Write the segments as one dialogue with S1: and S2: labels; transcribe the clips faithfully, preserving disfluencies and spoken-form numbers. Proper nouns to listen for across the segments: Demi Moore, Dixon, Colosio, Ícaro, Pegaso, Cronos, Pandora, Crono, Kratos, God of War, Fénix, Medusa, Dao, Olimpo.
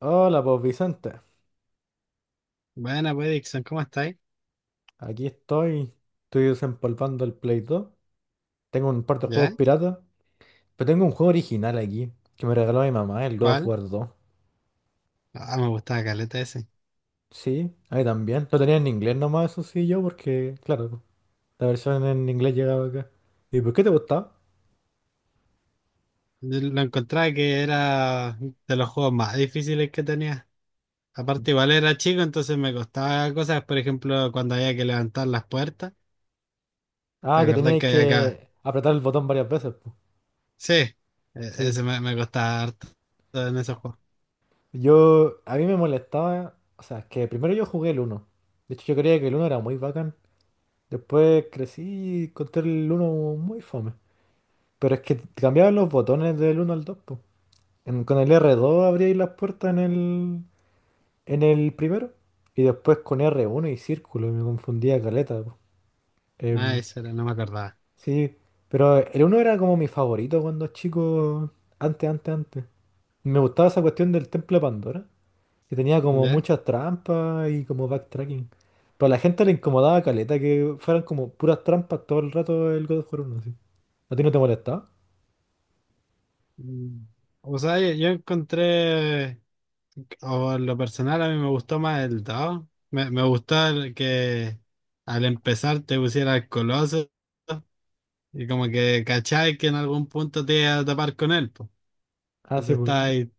S1: Hola, pues Vicente.
S2: Buena, pues, Dixon, ¿cómo estáis?
S1: Aquí estoy. Estoy desempolvando el Play dos. Tengo un par de
S2: ¿Ya?
S1: juegos piratas. Pero tengo un juego original aquí que me regaló mi mamá, el God of
S2: ¿Cuál?
S1: War dos.
S2: Ah, me gustaba Caleta ese.
S1: Sí, ahí también. Lo tenía en inglés nomás, eso sí, yo, porque, claro, la versión en inglés llegaba acá. ¿Y por qué te gustaba?
S2: Yo lo encontraba que era de los juegos más difíciles que tenía. Aparte, igual era chico, entonces me costaba cosas, por ejemplo, cuando había que levantar las puertas. ¿Te
S1: Ah, que
S2: acordás
S1: teníais
S2: que había
S1: que
S2: acá?
S1: apretar el botón varias veces, pues.
S2: Sí, e-
S1: Sí.
S2: ese me, me costaba harto en esos juegos.
S1: Yo, a mí me molestaba. O sea, que primero yo jugué el uno. De hecho, yo creía que el uno era muy bacán. Después crecí y encontré el uno muy fome. Pero es que cambiaban los botones del uno al dos, po. En- con el r dos abríais las puertas en el, en el primero y después con r uno y círculo, y me confundía caleta, po.
S2: Ah,
S1: Em,
S2: eso era, no me acordaba.
S1: sí, pero el uno era como mi favorito cuando chico, antes, antes, antes. Me gustaba esa cuestión del templo de Pandora, que tenía como
S2: ¿Ya?
S1: muchas trampas y como backtracking. Pero a la gente le incomodaba caleta que fueran como puras trampas todo el rato el God of War uno, así. ¿A ti no te molestaba?
S2: Mm. O sea, yo yo encontré. O en lo personal a mí me gustó más el Dao. Me, me gustó el que al empezar te pusiera el Colosio y como que cachai que en algún punto te iba a tapar con él, po.
S1: Ah, sí,
S2: Entonces
S1: pues.
S2: estás ahí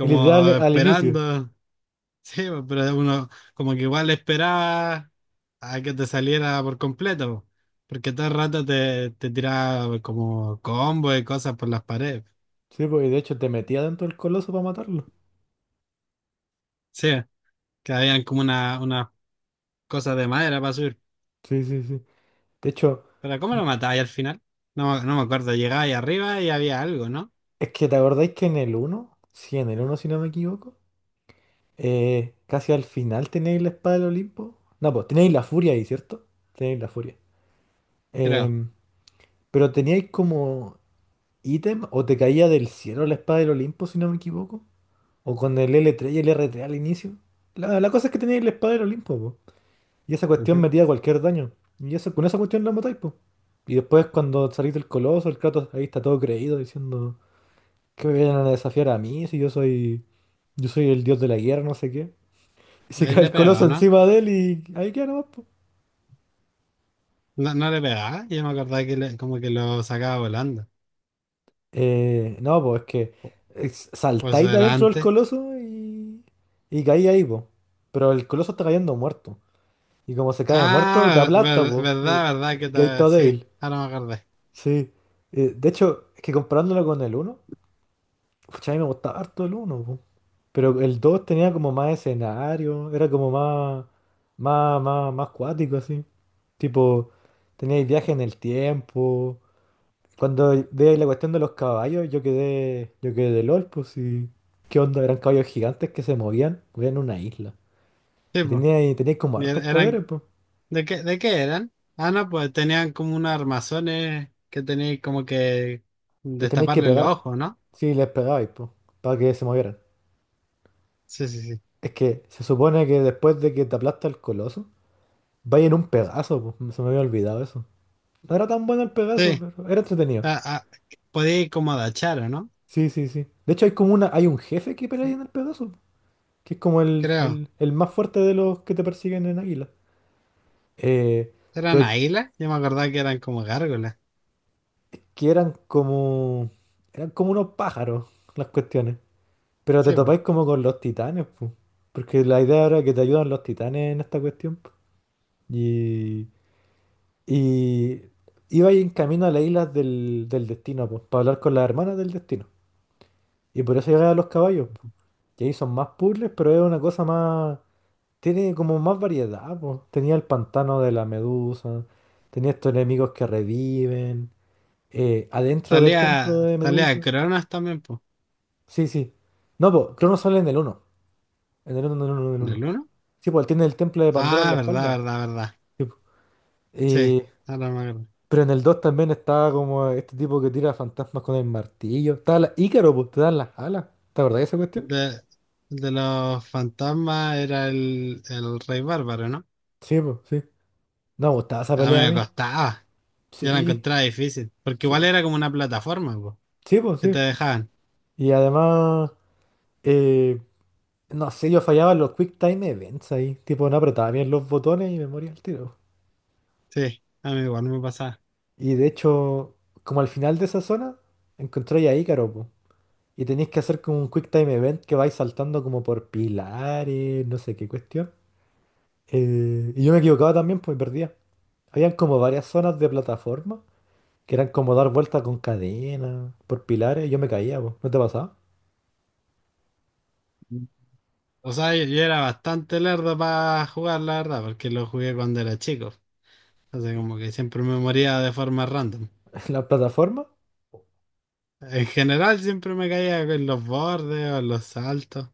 S1: Y literal al inicio.
S2: esperando. Sí, po, pero uno como que igual esperaba a que te saliera por completo, po, porque todo el rato te, te tiraba como combo y cosas por las paredes.
S1: Sí, pues y de hecho te metía dentro del coloso para matarlo.
S2: Sí, que habían como una, unas cosas de madera para subir.
S1: Sí, sí, sí. De hecho,
S2: Pero ¿cómo lo
S1: m-
S2: matáis al final? No, me- no me acuerdo, llegáis arriba y había algo, ¿no?
S1: es que te acordáis que en el uno sí, en el uno si no me equivoco, eh, casi al final tenéis la espada del Olimpo. No, pues tenéis la furia ahí, ¿cierto? Tenéis la furia.
S2: Creo.
S1: Em, pero teníais como ítem o te caía del cielo la espada del Olimpo si no me equivoco. O con el L tres y el R tres al inicio. La, la cosa es que teníais la espada del Olimpo, y esa cuestión
S2: Ujú.
S1: metía cualquier daño. Y eso, con esa cuestión la matáis, po. Y después cuando salís del coloso, el Kratos ahí está todo creído diciendo que me vienen a desafiar a mí si yo soy. Yo soy el dios de la guerra, no sé qué. Y se
S2: Ahí
S1: cae
S2: le
S1: el
S2: pegaba,
S1: coloso
S2: ¿no?
S1: encima de él y ahí queda nomás, po.
S2: No, no le pegaba, yo me acordaba que le- como que lo sacaba volando.
S1: Eh, no, pues es que es-
S2: Por eso
S1: saltáis de
S2: era
S1: adentro del
S2: antes.
S1: coloso y, y caí ahí, po. Pero el coloso está cayendo muerto. Y como se cae muerto, te
S2: Ah,
S1: aplasta,
S2: ver-
S1: po. Y,
S2: verdad, verdad que
S1: y caí
S2: te-
S1: todo
S2: sí,
S1: débil.
S2: ahora me acordé.
S1: Sí. Eh, de hecho, es que comparándolo con el uno Pucha, a mí me gustaba harto el uno po. Pero el dos tenía como más escenario, era como más, más, más, más cuático, así. Tipo, teníais viaje en el tiempo. Cuando de la cuestión de los caballos, yo quedé, yo quedé de LOL, pues sí, ¿qué onda? Eran caballos gigantes que se movían, vivían en una isla.
S2: Sí,
S1: Y
S2: pues.
S1: teníais, teníais como
S2: Y
S1: hartos
S2: er- eran,
S1: poderes, pues.
S2: ¿de qué, de qué eran? Ah, no, pues tenían como unos armazones que tenían como que
S1: Les teníais que
S2: destaparle los
S1: pegar.
S2: ojos, ¿no?
S1: Sí, les pegabais, pues, para que se movieran.
S2: Sí, sí, sí.
S1: Es que se supone que después de que te aplasta el coloso, Vaya en un Pegaso, po, no Se me había olvidado eso. No era tan bueno el Pegaso,
S2: Sí,
S1: pero era entretenido.
S2: ah, ah, podía ir como agachar, ¿o no?
S1: Sí, sí, sí. De hecho, hay como una, hay un jefe que pelea en el Pegaso, que es como el,
S2: Creo.
S1: el- el más fuerte de los que te persiguen en Águila. Eh,
S2: ¿Eran
S1: pero
S2: águilas? Yo me acordaba que eran como gárgolas.
S1: que eran como, eran como unos pájaros las cuestiones. Pero te
S2: Sí, pues.
S1: topáis como con los titanes, po. Porque la idea era que te ayudan los titanes en esta cuestión, po. Y, y iba ahí en camino a las islas del, del destino, pues, para hablar con las hermanas del destino. Y por eso llegan los caballos. po. Y ahí son más puzzles, pero es una cosa más... Tiene como más variedad, po. Tenía el pantano de la medusa, tenía estos enemigos que reviven, eh, adentro del
S2: Salía,
S1: templo de
S2: salía
S1: Medusa.
S2: Cronos también, pues.
S1: Sí, sí. No, pues, Crono sale en el uno. En el uno, en el uno, en el
S2: ¿En
S1: uno,
S2: el uno?
S1: Sí, pues él tiene el templo de Pandora en
S2: Ah,
S1: la
S2: verdad,
S1: espalda.
S2: verdad, verdad.
S1: Sí, po.
S2: Sí,
S1: Eh,
S2: ahora me acuerdo.
S1: pero en el dos también está como este tipo que tira fantasmas con el martillo. Está la Ícaro, pues, te dan las alas. ¿Te acordás de esa cuestión?
S2: De, de los fantasmas era el, el rey bárbaro, ¿no?
S1: Sí, pues, sí. No, me gustaba esa
S2: A mí
S1: pelea a
S2: me
S1: mí.
S2: costaba. Yo la
S1: Sí,
S2: encontraba difícil. Porque igual
S1: sí,
S2: era como una plataforma, pues,
S1: sí, pues
S2: que
S1: sí.
S2: te dejaban.
S1: Y además, eh, no sé, yo fallaba en los Quick Time Events ahí. Tipo, no apretaba bien los botones y me moría al tiro.
S2: Sí, a mí igual me pasaba.
S1: Y de hecho, como al final de esa zona, encontré a Ícaro, po. Y tenéis que hacer como un Quick Time Event que vais saltando como por pilares, no sé qué cuestión. Eh, y yo me equivocaba también, pues perdía. Habían como varias zonas de plataforma que eran como dar vueltas con cadena, por pilares, y yo me caía, pues. ¿No te pasaba?
S2: O sea, yo, yo era bastante lerdo para jugar, la verdad, porque lo jugué cuando era chico. Así como que siempre me moría de forma random.
S1: ¿La plataforma?
S2: En general siempre me caía en los bordes o en los saltos.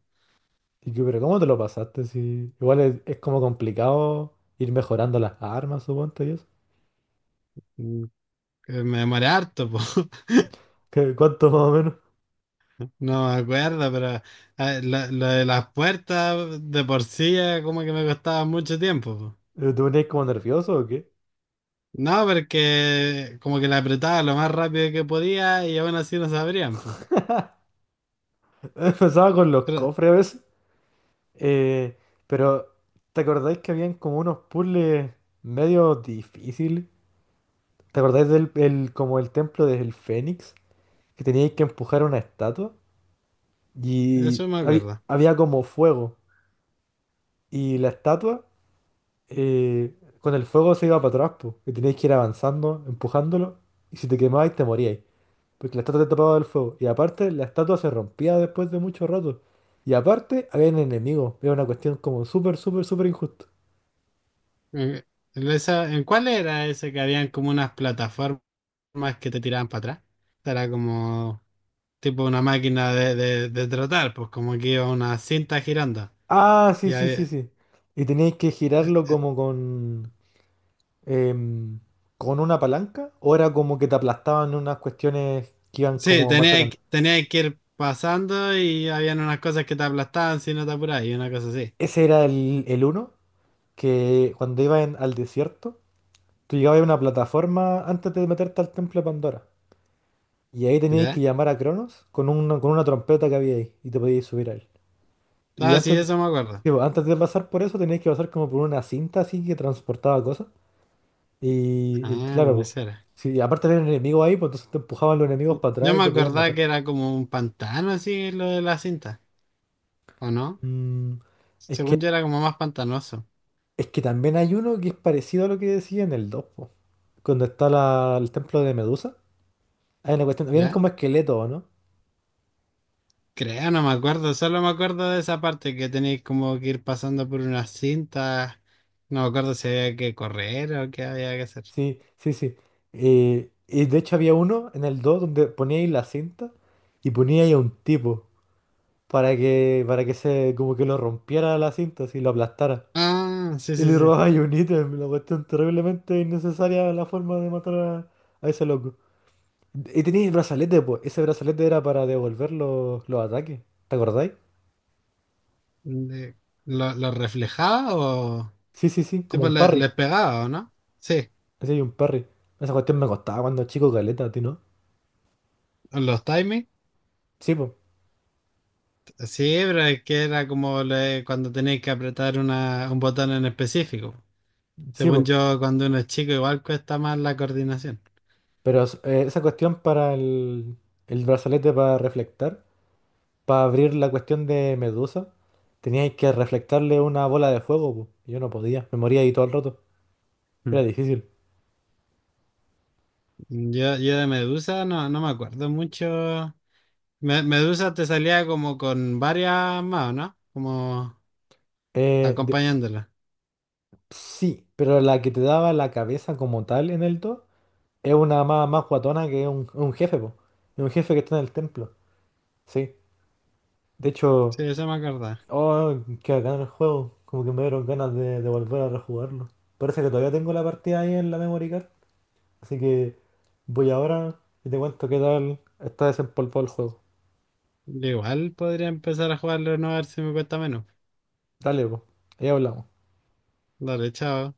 S1: Y yo, pero, ¿cómo te lo pasaste? Si igual es, es como complicado ir mejorando las armas, suponte y eso.
S2: Mm, que me demoré harto, po.
S1: ¿Qué- ¿Cuánto más o menos?
S2: No me acuerdo, pero eh, lo, lo de las puertas de por sí eh, como que me costaba mucho tiempo, po.
S1: Eh, ¿Te ponías como nervioso o qué?
S2: No, porque como que la apretaba lo más rápido que podía y aún así no se abrían, po.
S1: Empezaba con los
S2: Pero
S1: cofres a veces. Eh, pero, ¿te acordáis que habían como unos puzzles medio difíciles? ¿Te acordáis del el- como el templo del Fénix? Que teníais que empujar una estatua. Y
S2: eso me
S1: había,
S2: acuerdo.
S1: había como fuego. Y la estatua eh, con el fuego se iba para atrás, po, y teníais que ir avanzando, empujándolo, y si te quemabais te moríais, porque la estatua te tapaba del fuego. Y aparte, la estatua se rompía después de mucho rato. Y aparte, había enemigos. Era una cuestión como súper, súper, súper injusta.
S2: Eh, esa, ¿en cuál era ese que habían como unas plataformas que te tiraban para atrás? Era como tipo una máquina de, de, de trotar, pues como que iba una cinta girando.
S1: Ah, sí,
S2: Y
S1: sí,
S2: ahí,
S1: sí, sí. Y teníais que
S2: eh,
S1: girarlo
S2: eh,
S1: como con... em, con una palanca, o era como que te aplastaban unas cuestiones que iban
S2: sí,
S1: como
S2: tenía,
S1: machacando.
S2: que tenía que ir pasando y habían unas cosas que te aplastaban si no te apurabas y una cosa así.
S1: Ese era el, el uno, que cuando iban al desierto Tú llegabas a una plataforma antes de meterte al templo de Pandora. Y ahí teníais que
S2: ¿Ya?
S1: llamar a Cronos con una, con una trompeta que había ahí. Y te podíais subir a él. Y
S2: Ah, sí,
S1: antes,
S2: eso me acuerdo.
S1: sí, pues, antes de pasar por eso teníais que pasar como por una cinta así que transportaba cosas. Y, y
S2: Ah,
S1: claro,
S2: eso era.
S1: pues, si aparte había un enemigo ahí, pues entonces te empujaban los enemigos para
S2: Yo
S1: atrás y
S2: me
S1: te podían
S2: acordaba
S1: matar.
S2: que era como un pantano así lo de la cinta, ¿o no?
S1: Mm, es que,
S2: Según yo era como más pantanoso.
S1: es que también hay uno que es parecido a lo que decía en el dos po. Cuando está la- el templo de Medusa. Hay una cuestión, vienen
S2: ¿Ya?
S1: como esqueletos, ¿o ¿no?
S2: Creo, no me acuerdo, solo me acuerdo de esa parte que tenéis como que ir pasando por una cinta. No me acuerdo si había que correr o qué había que hacer.
S1: Sí, sí, sí. Eh, y de hecho había uno en el dos donde ponía ahí la cinta y ponía ahí a un tipo para que, para que se como que lo rompiera la cinta, así lo aplastara.
S2: Ah, sí,
S1: Y
S2: sí,
S1: le
S2: sí.
S1: robaba ahí un ítem, una cuestión terriblemente innecesaria la forma de matar a, a ese loco. Y tenía el brazalete, pues. Ese brazalete era para devolver los, los ataques. ¿Te acordáis?
S2: De, ¿Lo, lo reflejaba o
S1: Sí, sí, sí, como
S2: tipo
S1: un
S2: le-
S1: parry.
S2: les pegaba o no? Sí,
S1: Así hay un parry. Esa cuestión me costaba cuando chico caleta, ¿a ti no?
S2: los timings.
S1: Sí, pues.
S2: Sí, pero es que era como le, cuando tenéis que apretar una, un botón en específico.
S1: Sí,
S2: Según
S1: pues.
S2: yo, cuando uno es chico, igual cuesta más la coordinación.
S1: Pero es- eh, esa cuestión para el, el brazalete para reflectar, para abrir la cuestión de Medusa, teníais que reflectarle una bola de fuego, po. y Yo no podía, me moría ahí todo el rato.
S2: Mm.
S1: Era difícil.
S2: Yo, yo de Medusa no, no me acuerdo mucho. Me- Medusa te salía como con varias más, ¿no? Como
S1: Eh, de-
S2: acompañándola.
S1: sí, pero la que te daba la cabeza como tal en el dos es una más, más guatona que un, un jefe, po. Es un jefe que está en el templo. Sí. De hecho,
S2: Sí, eso me acordaba.
S1: oh, qué bacán el juego. Como que me dieron ganas de, de volver a rejugarlo. Parece que todavía tengo la partida ahí en la memory card. Así que voy ahora y te cuento qué tal está desempolvado el juego.
S2: Igual podría empezar a jugarlo no a ver si me cuesta menos.
S1: Dale, pues. Ahí hablamos.
S2: Dale, chao.